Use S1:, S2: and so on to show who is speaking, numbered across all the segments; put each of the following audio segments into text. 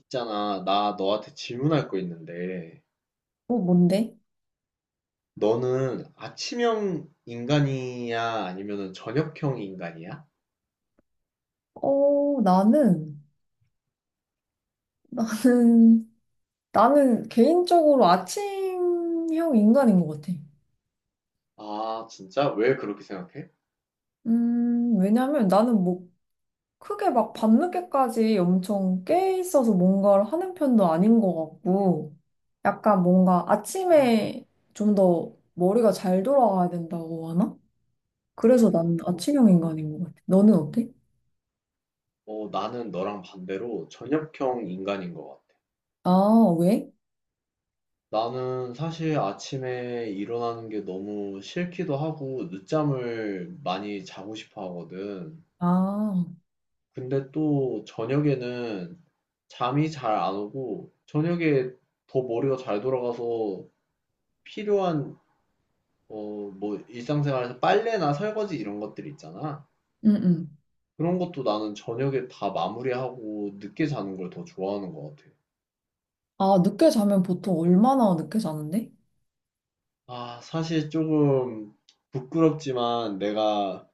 S1: 있잖아, 나 너한테 질문할 거 있는데,
S2: 어, 뭔데?
S1: 너는 아침형 인간이야? 아니면 저녁형 인간이야?
S2: 어, 나는, 나는, 개인적으로 아침형 인간인 것 같아.
S1: 아, 진짜? 왜 그렇게 생각해?
S2: 왜냐면 나는 크게 막 밤늦게까지 엄청 깨 있어서 뭔가를 하는 편도 아닌 것 같고, 약간 뭔가 아침에 좀 더 머리가 잘 돌아가야 된다고 하나? 그래서
S1: 아,
S2: 난 아침형
S1: 그렇구나.
S2: 인간인 것 같아. 너는 어때?
S1: 어, 나는 너랑 반대로 저녁형 인간인 것 같아.
S2: 아, 왜?
S1: 나는 사실 아침에 일어나는 게 너무 싫기도 하고, 늦잠을 많이 자고 싶어 하거든.
S2: 아,
S1: 근데 또 저녁에는 잠이 잘 안 오고, 저녁에 더 머리가 잘 돌아가서 필요한 뭐 일상생활에서 빨래나 설거지 이런 것들 있잖아.
S2: 응, 응.
S1: 그런 것도 나는 저녁에 다 마무리하고 늦게 자는 걸 더 좋아하는 것 같아.
S2: 아, 늦게 자면 보통 얼마나 늦게 자는데?
S1: 아, 사실 조금 부끄럽지만 내가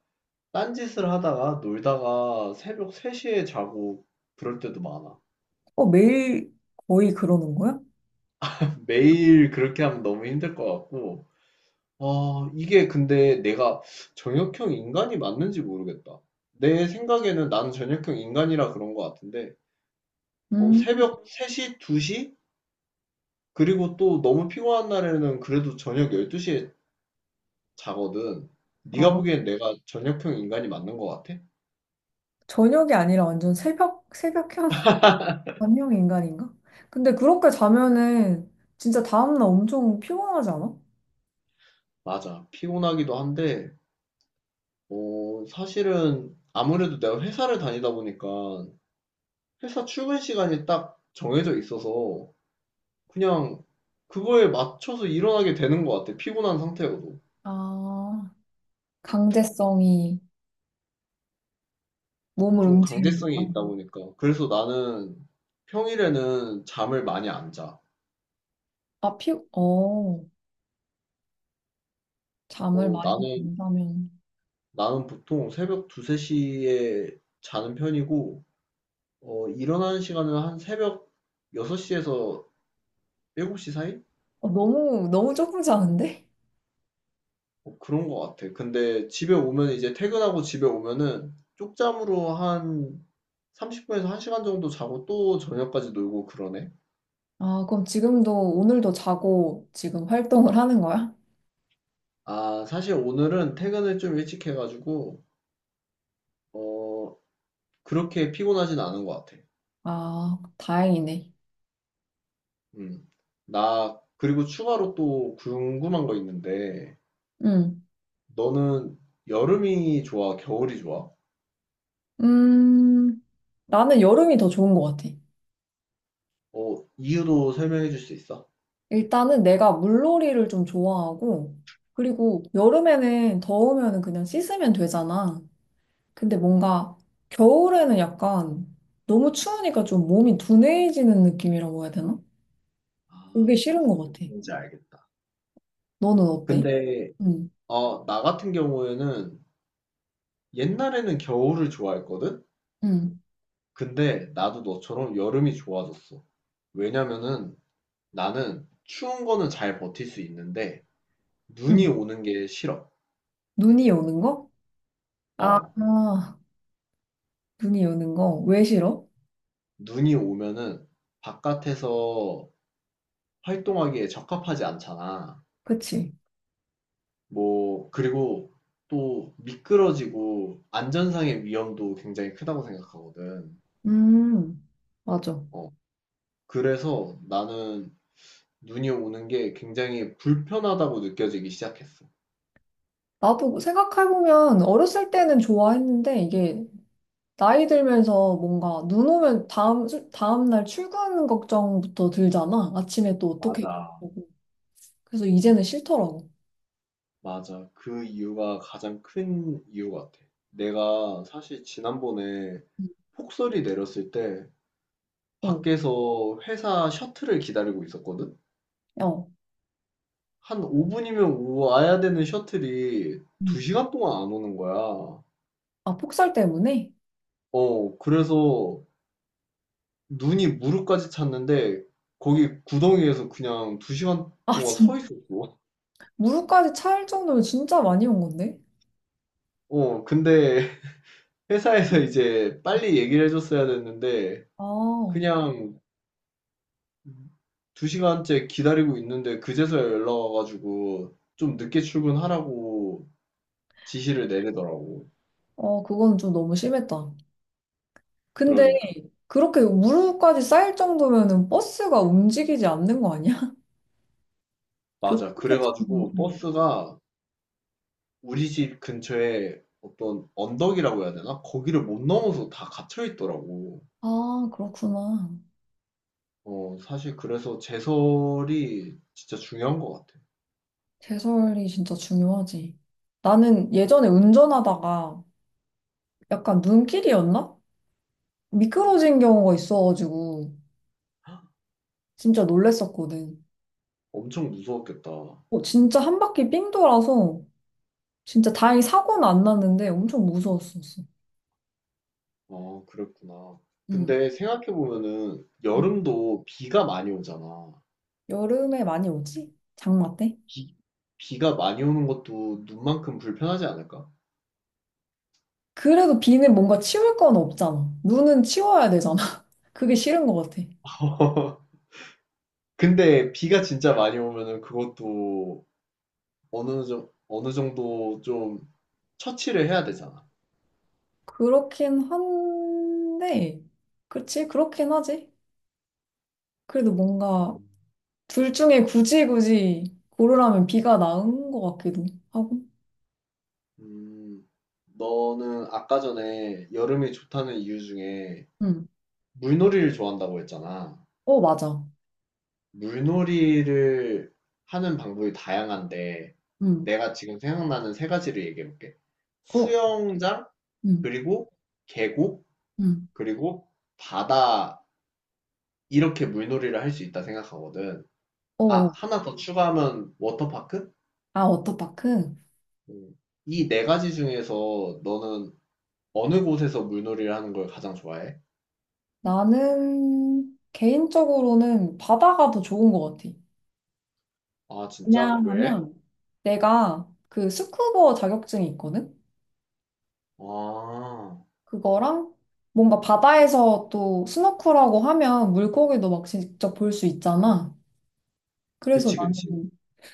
S1: 딴짓을 하다가 놀다가 새벽 3시에 자고 그럴 때도 많아.
S2: 어, 매일 거의 그러는 거야?
S1: 매일 그렇게 하면 너무 힘들 것 같고. 아, 이게 근데 내가 저녁형 인간이 맞는지 모르겠다. 내 생각에는 나는 저녁형 인간이라 그런 것 같은데. 뭐
S2: 음,
S1: 새벽 3시, 2시? 그리고 또 너무 피곤한 날에는 그래도 저녁 12시에 자거든. 네가
S2: 아,
S1: 보기엔 내가 저녁형 인간이 맞는 것 같아?
S2: 저녁이 아니라 완전 새벽, 새벽형, 완영 인간인가? 근데 그렇게 자면은 진짜 다음날 엄청 피곤하지 않아?
S1: 맞아. 피곤하기도 한데, 어, 사실은 아무래도 내가 회사를 다니다 보니까 회사 출근 시간이 딱 정해져 있어서 그냥 그거에 맞춰서 일어나게 되는 것 같아. 피곤한 상태여도.
S2: 아, 강제성이 몸을
S1: 좀 강제성이
S2: 움직이니까.
S1: 있다 보니까. 그래서 나는 평일에는 잠을 많이 안 자.
S2: 아, 피, 어, 잠을
S1: 어,
S2: 많이
S1: 나는
S2: 잔다면.
S1: 나는 보통 새벽 2, 3시에 자는 편이고 어, 일어나는 시간은 한 새벽 6시에서 7시 사이?
S2: 어, 너무, 너무 조금 자는데?
S1: 뭐 그런 것 같아. 근데 집에 오면 이제 퇴근하고 집에 오면은 쪽잠으로 한 30분에서 1시간 정도 자고 또 저녁까지 놀고 그러네.
S2: 아, 그럼 지금도, 오늘도 자고 지금 활동을 하는 거야?
S1: 아, 사실 오늘은 퇴근을 좀 일찍 해가지고 어, 그렇게 피곤하진 않은 것 같아.
S2: 아, 다행이네.
S1: 음. 나 그리고 추가로 또 궁금한 거 있는데
S2: 응.
S1: 너는 여름이 좋아, 겨울이 좋아?
S2: 음, 나는 여름이 더 좋은 것 같아.
S1: 어, 이유도 설명해 줄 수 있어?
S2: 일단은 내가 물놀이를 좀 좋아하고, 그리고 여름에는 더우면 그냥 씻으면 되잖아. 근데 뭔가 겨울에는 약간 너무 추우니까 좀 몸이 둔해지는 느낌이라고 해야 되나? 그게
S1: 아,
S2: 싫은
S1: 무슨
S2: 것 같아.
S1: 느낌인지 알겠다.
S2: 너는 어때?
S1: 근데,
S2: 응,
S1: 어, 나 같은 경우에는 옛날에는 겨울을 좋아했거든?
S2: 응,
S1: 근데 나도 너처럼 여름이 좋아졌어. 왜냐면은 나는 추운 거는 잘 버틸 수 있는데
S2: 응.
S1: 눈이 오는 게 싫어.
S2: 눈이 오는 거? 아,
S1: 어,
S2: 아, 눈이 오는 거. 왜 싫어?
S1: 눈이 오면은 바깥에서 활동하기에 적합하지 않잖아.
S2: 그치?
S1: 뭐 그리고 또 미끄러지고 안전상의 위험도 굉장히 크다고 생각하거든.
S2: 음, 맞아.
S1: 어. 그래서 나는 눈이 오는 게 굉장히 불편하다고 느껴지기 시작했어.
S2: 나도 생각해보면 어렸을 때는 좋아했는데 이게 나이 들면서 뭔가 눈 오면 다음 날 출근 걱정부터 들잖아. 아침에 또 어떻게
S1: 맞아.
S2: 보고. 그래서 이제는 싫더라고.
S1: 맞아. 그 이유가 가장 큰 이유 같아. 내가 사실 지난번에 폭설이 내렸을 때
S2: 어,
S1: 밖에서 회사 셔틀을 기다리고 있었거든?
S2: 어.
S1: 한 5분이면 와야 되는 셔틀이
S2: 음.
S1: 2시간 동안 안 오는 거야.
S2: 아, 폭설 때문에?
S1: 어, 그래서 눈이 무릎까지 찼는데 거기 구덩이에서 그냥 두 시간
S2: 아,
S1: 동안 서
S2: 진짜.
S1: 있었어.
S2: 무릎까지 차일 정도면 진짜 많이 온 건데?
S1: 어, 근데 회사에서 이제 빨리 얘기를 해줬어야 됐는데
S2: 아, 어,
S1: 그냥 두 시간째 기다리고 있는데 그제서야 연락 와가지고 좀 늦게 출근하라고 지시를 내리더라고.
S2: 그건 좀 너무 심했다. 근데
S1: 그러니까.
S2: 그렇게 무릎까지 쌓일 정도면은 버스가 움직이지 않는 거 아니야?
S1: 맞아.
S2: 교통체증.
S1: 그래가지고 버스가 우리 집 근처에 어떤 언덕이라고 해야 되나? 거기를 못 넘어서 다 갇혀 있더라고.
S2: 아, 그렇구나.
S1: 어, 사실 그래서 제설이 진짜 중요한 것 같아.
S2: 제설이 진짜 중요하지. 나는 예전에 운전하다가 약간 눈길이었나? 미끄러진 경우가 있어가지고 진짜 놀랬었거든.
S1: 엄청 무서웠겠다.
S2: 어, 진짜 한 바퀴 삥 돌아서 진짜 다행히 사고는 안 났는데 엄청 무서웠었어.
S1: 아, 그랬구나.
S2: 응.
S1: 근데 생각해보면은
S2: 응.
S1: 여름도 비가 많이 오잖아.
S2: 여름에 많이 오지? 장마 때?
S1: 비, 비가 많이 오는 것도 눈만큼 불편하지 않을까?
S2: 그래도 비는 뭔가 치울 건 없잖아. 눈은 치워야 되잖아. 그게 싫은 것 같아.
S1: 근데 비가 진짜 많이 오면은 그것도 어느 정도 좀 처치를 해야 되잖아.
S2: 그렇긴 한데, 그치? 그렇긴 하지. 그래도 뭔가
S1: 음.
S2: 둘 중에 굳이 굳이 고르라면 B가 나은 것 같기도 하고.
S1: 음, 너는 아까 전에 여름이 좋다는 이유 중에
S2: 응.
S1: 물놀이를 좋아한다고 했잖아.
S2: 어, 맞아.
S1: 물놀이를 하는 방법이 다양한데,
S2: 응.
S1: 내가 지금 생각나는 세 가지를 얘기해 볼게.
S2: 어,
S1: 수영장,
S2: 응.
S1: 그리고 계곡,
S2: 응.
S1: 그리고 바다, 이렇게 물놀이를 할 수 있다 생각하거든.
S2: 어. 어.
S1: 아, 하나 더 추가하면 워터파크?
S2: 아, 워터파크?
S1: 음. 이네 가지 중에서 너는 어느 곳에서 물놀이를 하는 걸 가장 좋아해?
S2: 나는 개인적으로는 바다가 더 좋은 것 같아.
S1: 아, 진짜? 왜?
S2: 왜냐하면 내가 그 스쿠버 자격증이 있거든?
S1: 아,
S2: 그거랑 뭔가 바다에서 또 스노클하고 하면 물고기도 막 직접 볼 수 있잖아. 그래서
S1: 그치,
S2: 나는
S1: 그치.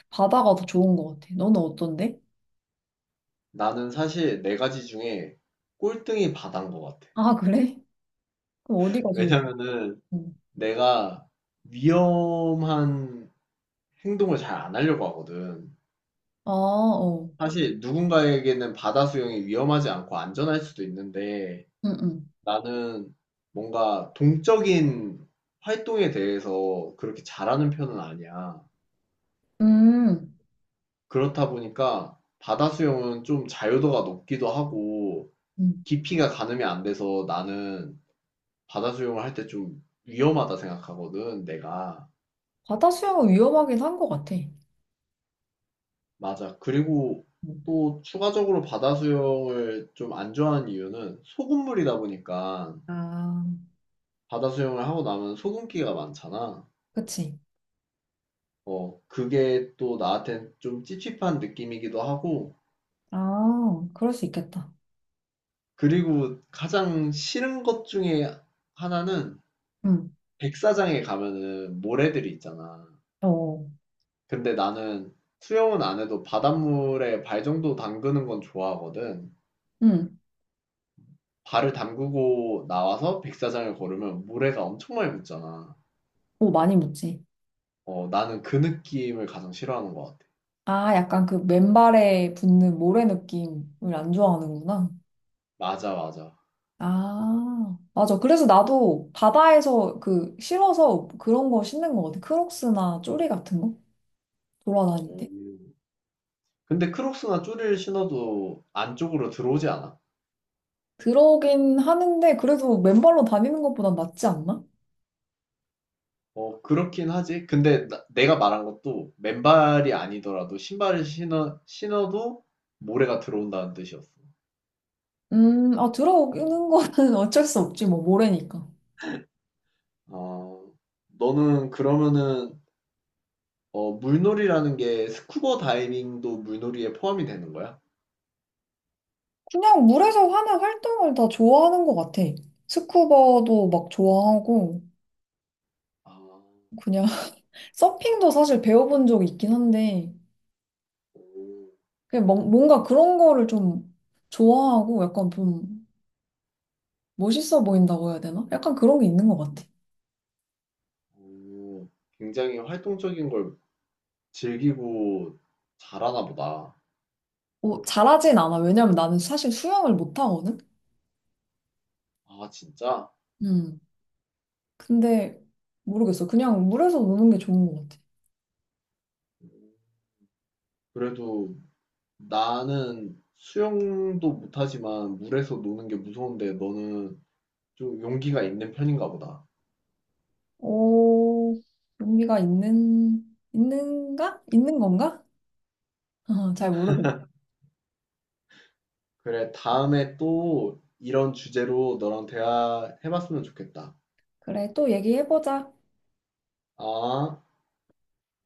S2: 바다가 더 좋은 것 같아. 너는 어떤데?
S1: 나는 사실 네 가지 중에 꼴등이 바다인 것 같아.
S2: 아, 그래? 그럼 어디가 제일
S1: 왜냐면은
S2: 좋고?
S1: 내가 위험한 행동을 잘 안 하려고 하거든.
S2: 아, 어.
S1: 사실 누군가에게는 바다 수영이 위험하지 않고 안전할 수도 있는데
S2: 응, 응.
S1: 나는 뭔가 동적인 활동에 대해서 그렇게 잘하는 편은 아니야.
S2: 음,
S1: 그렇다 보니까 바다 수영은 좀 자유도가 높기도 하고
S2: 음.
S1: 깊이가 가늠이 안 돼서 나는 바다 수영을 할 때 좀 위험하다 생각하거든, 내가.
S2: 바다 수영은 위험하긴 한 것 같아.
S1: 맞아. 그리고
S2: 음.
S1: 또 추가적으로 바다 수영을 좀 안 좋아하는 이유는 소금물이다 보니까
S2: 아,
S1: 바다 수영을 하고 나면 소금기가 많잖아.
S2: 그치?
S1: 어, 그게 또 나한텐 좀 찝찝한 느낌이기도 하고,
S2: 아, 그럴 수 있겠다.
S1: 그리고 가장 싫은 것 중에 하나는
S2: 응,
S1: 백사장에 가면은 모래들이 있잖아.
S2: 어,
S1: 근데 나는 수영은 안 해도 바닷물에 발 정도 담그는 건 좋아하거든.
S2: 응.
S1: 발을 담그고 나와서 백사장을 걸으면 모래가 엄청 많이 묻잖아.
S2: 오, 많이 묻지.
S1: 어 나는 그 느낌을 가장 싫어하는 것 같아.
S2: 아, 약간 그 맨발에 붙는 모래 느낌을 안 좋아하는구나.
S1: 맞아, 맞아.
S2: 아, 맞아. 그래서 나도 바다에서 그 싫어서 그런 거 신는 거 같아. 크록스나 쪼리 같은 거? 돌아다닐 때.
S1: 오. 근데 크록스나 쪼리를 신어도 안쪽으로 들어오지 않아.
S2: 들어오긴 하는데, 그래도 맨발로 다니는 것보단 낫지 않나?
S1: 어 그렇긴 하지. 근데 나- 내가 말한 것도 맨발이 아니더라도 신발을 신어도 모래가 들어온다는 뜻이었어.
S2: 아, 들어오는 거는 어쩔 수 없지, 뭐, 모래니까.
S1: 어 너는 그러면은 물놀이라는 게 스쿠버 다이빙도 물놀이에 포함이 되는 거야?
S2: 그냥 물에서 하는 활동을 다 좋아하는 것 같아. 스쿠버도 막 좋아하고,
S1: 아,
S2: 그냥 서핑도 사실 배워본 적이 있긴 한데,
S1: 오,
S2: 그냥 뭔가 그런 거를 좀 좋아하고, 약간 좀 멋있어 보인다고 해야 되나? 약간 그런 게 있는 것 같아.
S1: 오, 굉장히 활동적인 걸 즐기고 잘하나 보다.
S2: 뭐, 잘하진 않아. 왜냐면 나는 사실 수영을 못 하거든?
S1: 아, 진짜?
S2: 음. 근데, 모르겠어. 그냥 물에서 노는 게 좋은 것 같아.
S1: 그래도 나는 수영도 못하지만 물에서 노는 게 무서운데 너는 좀 용기가 있는 편인가 보다.
S2: 오, 용기가 있는, 있는가? 있는 건가? 어, 잘 모르겠.
S1: 그래, 다음에 또 이런 주제로 너랑 대화해봤으면 좋겠다.
S2: 그래, 또 얘기해보자.
S1: 아.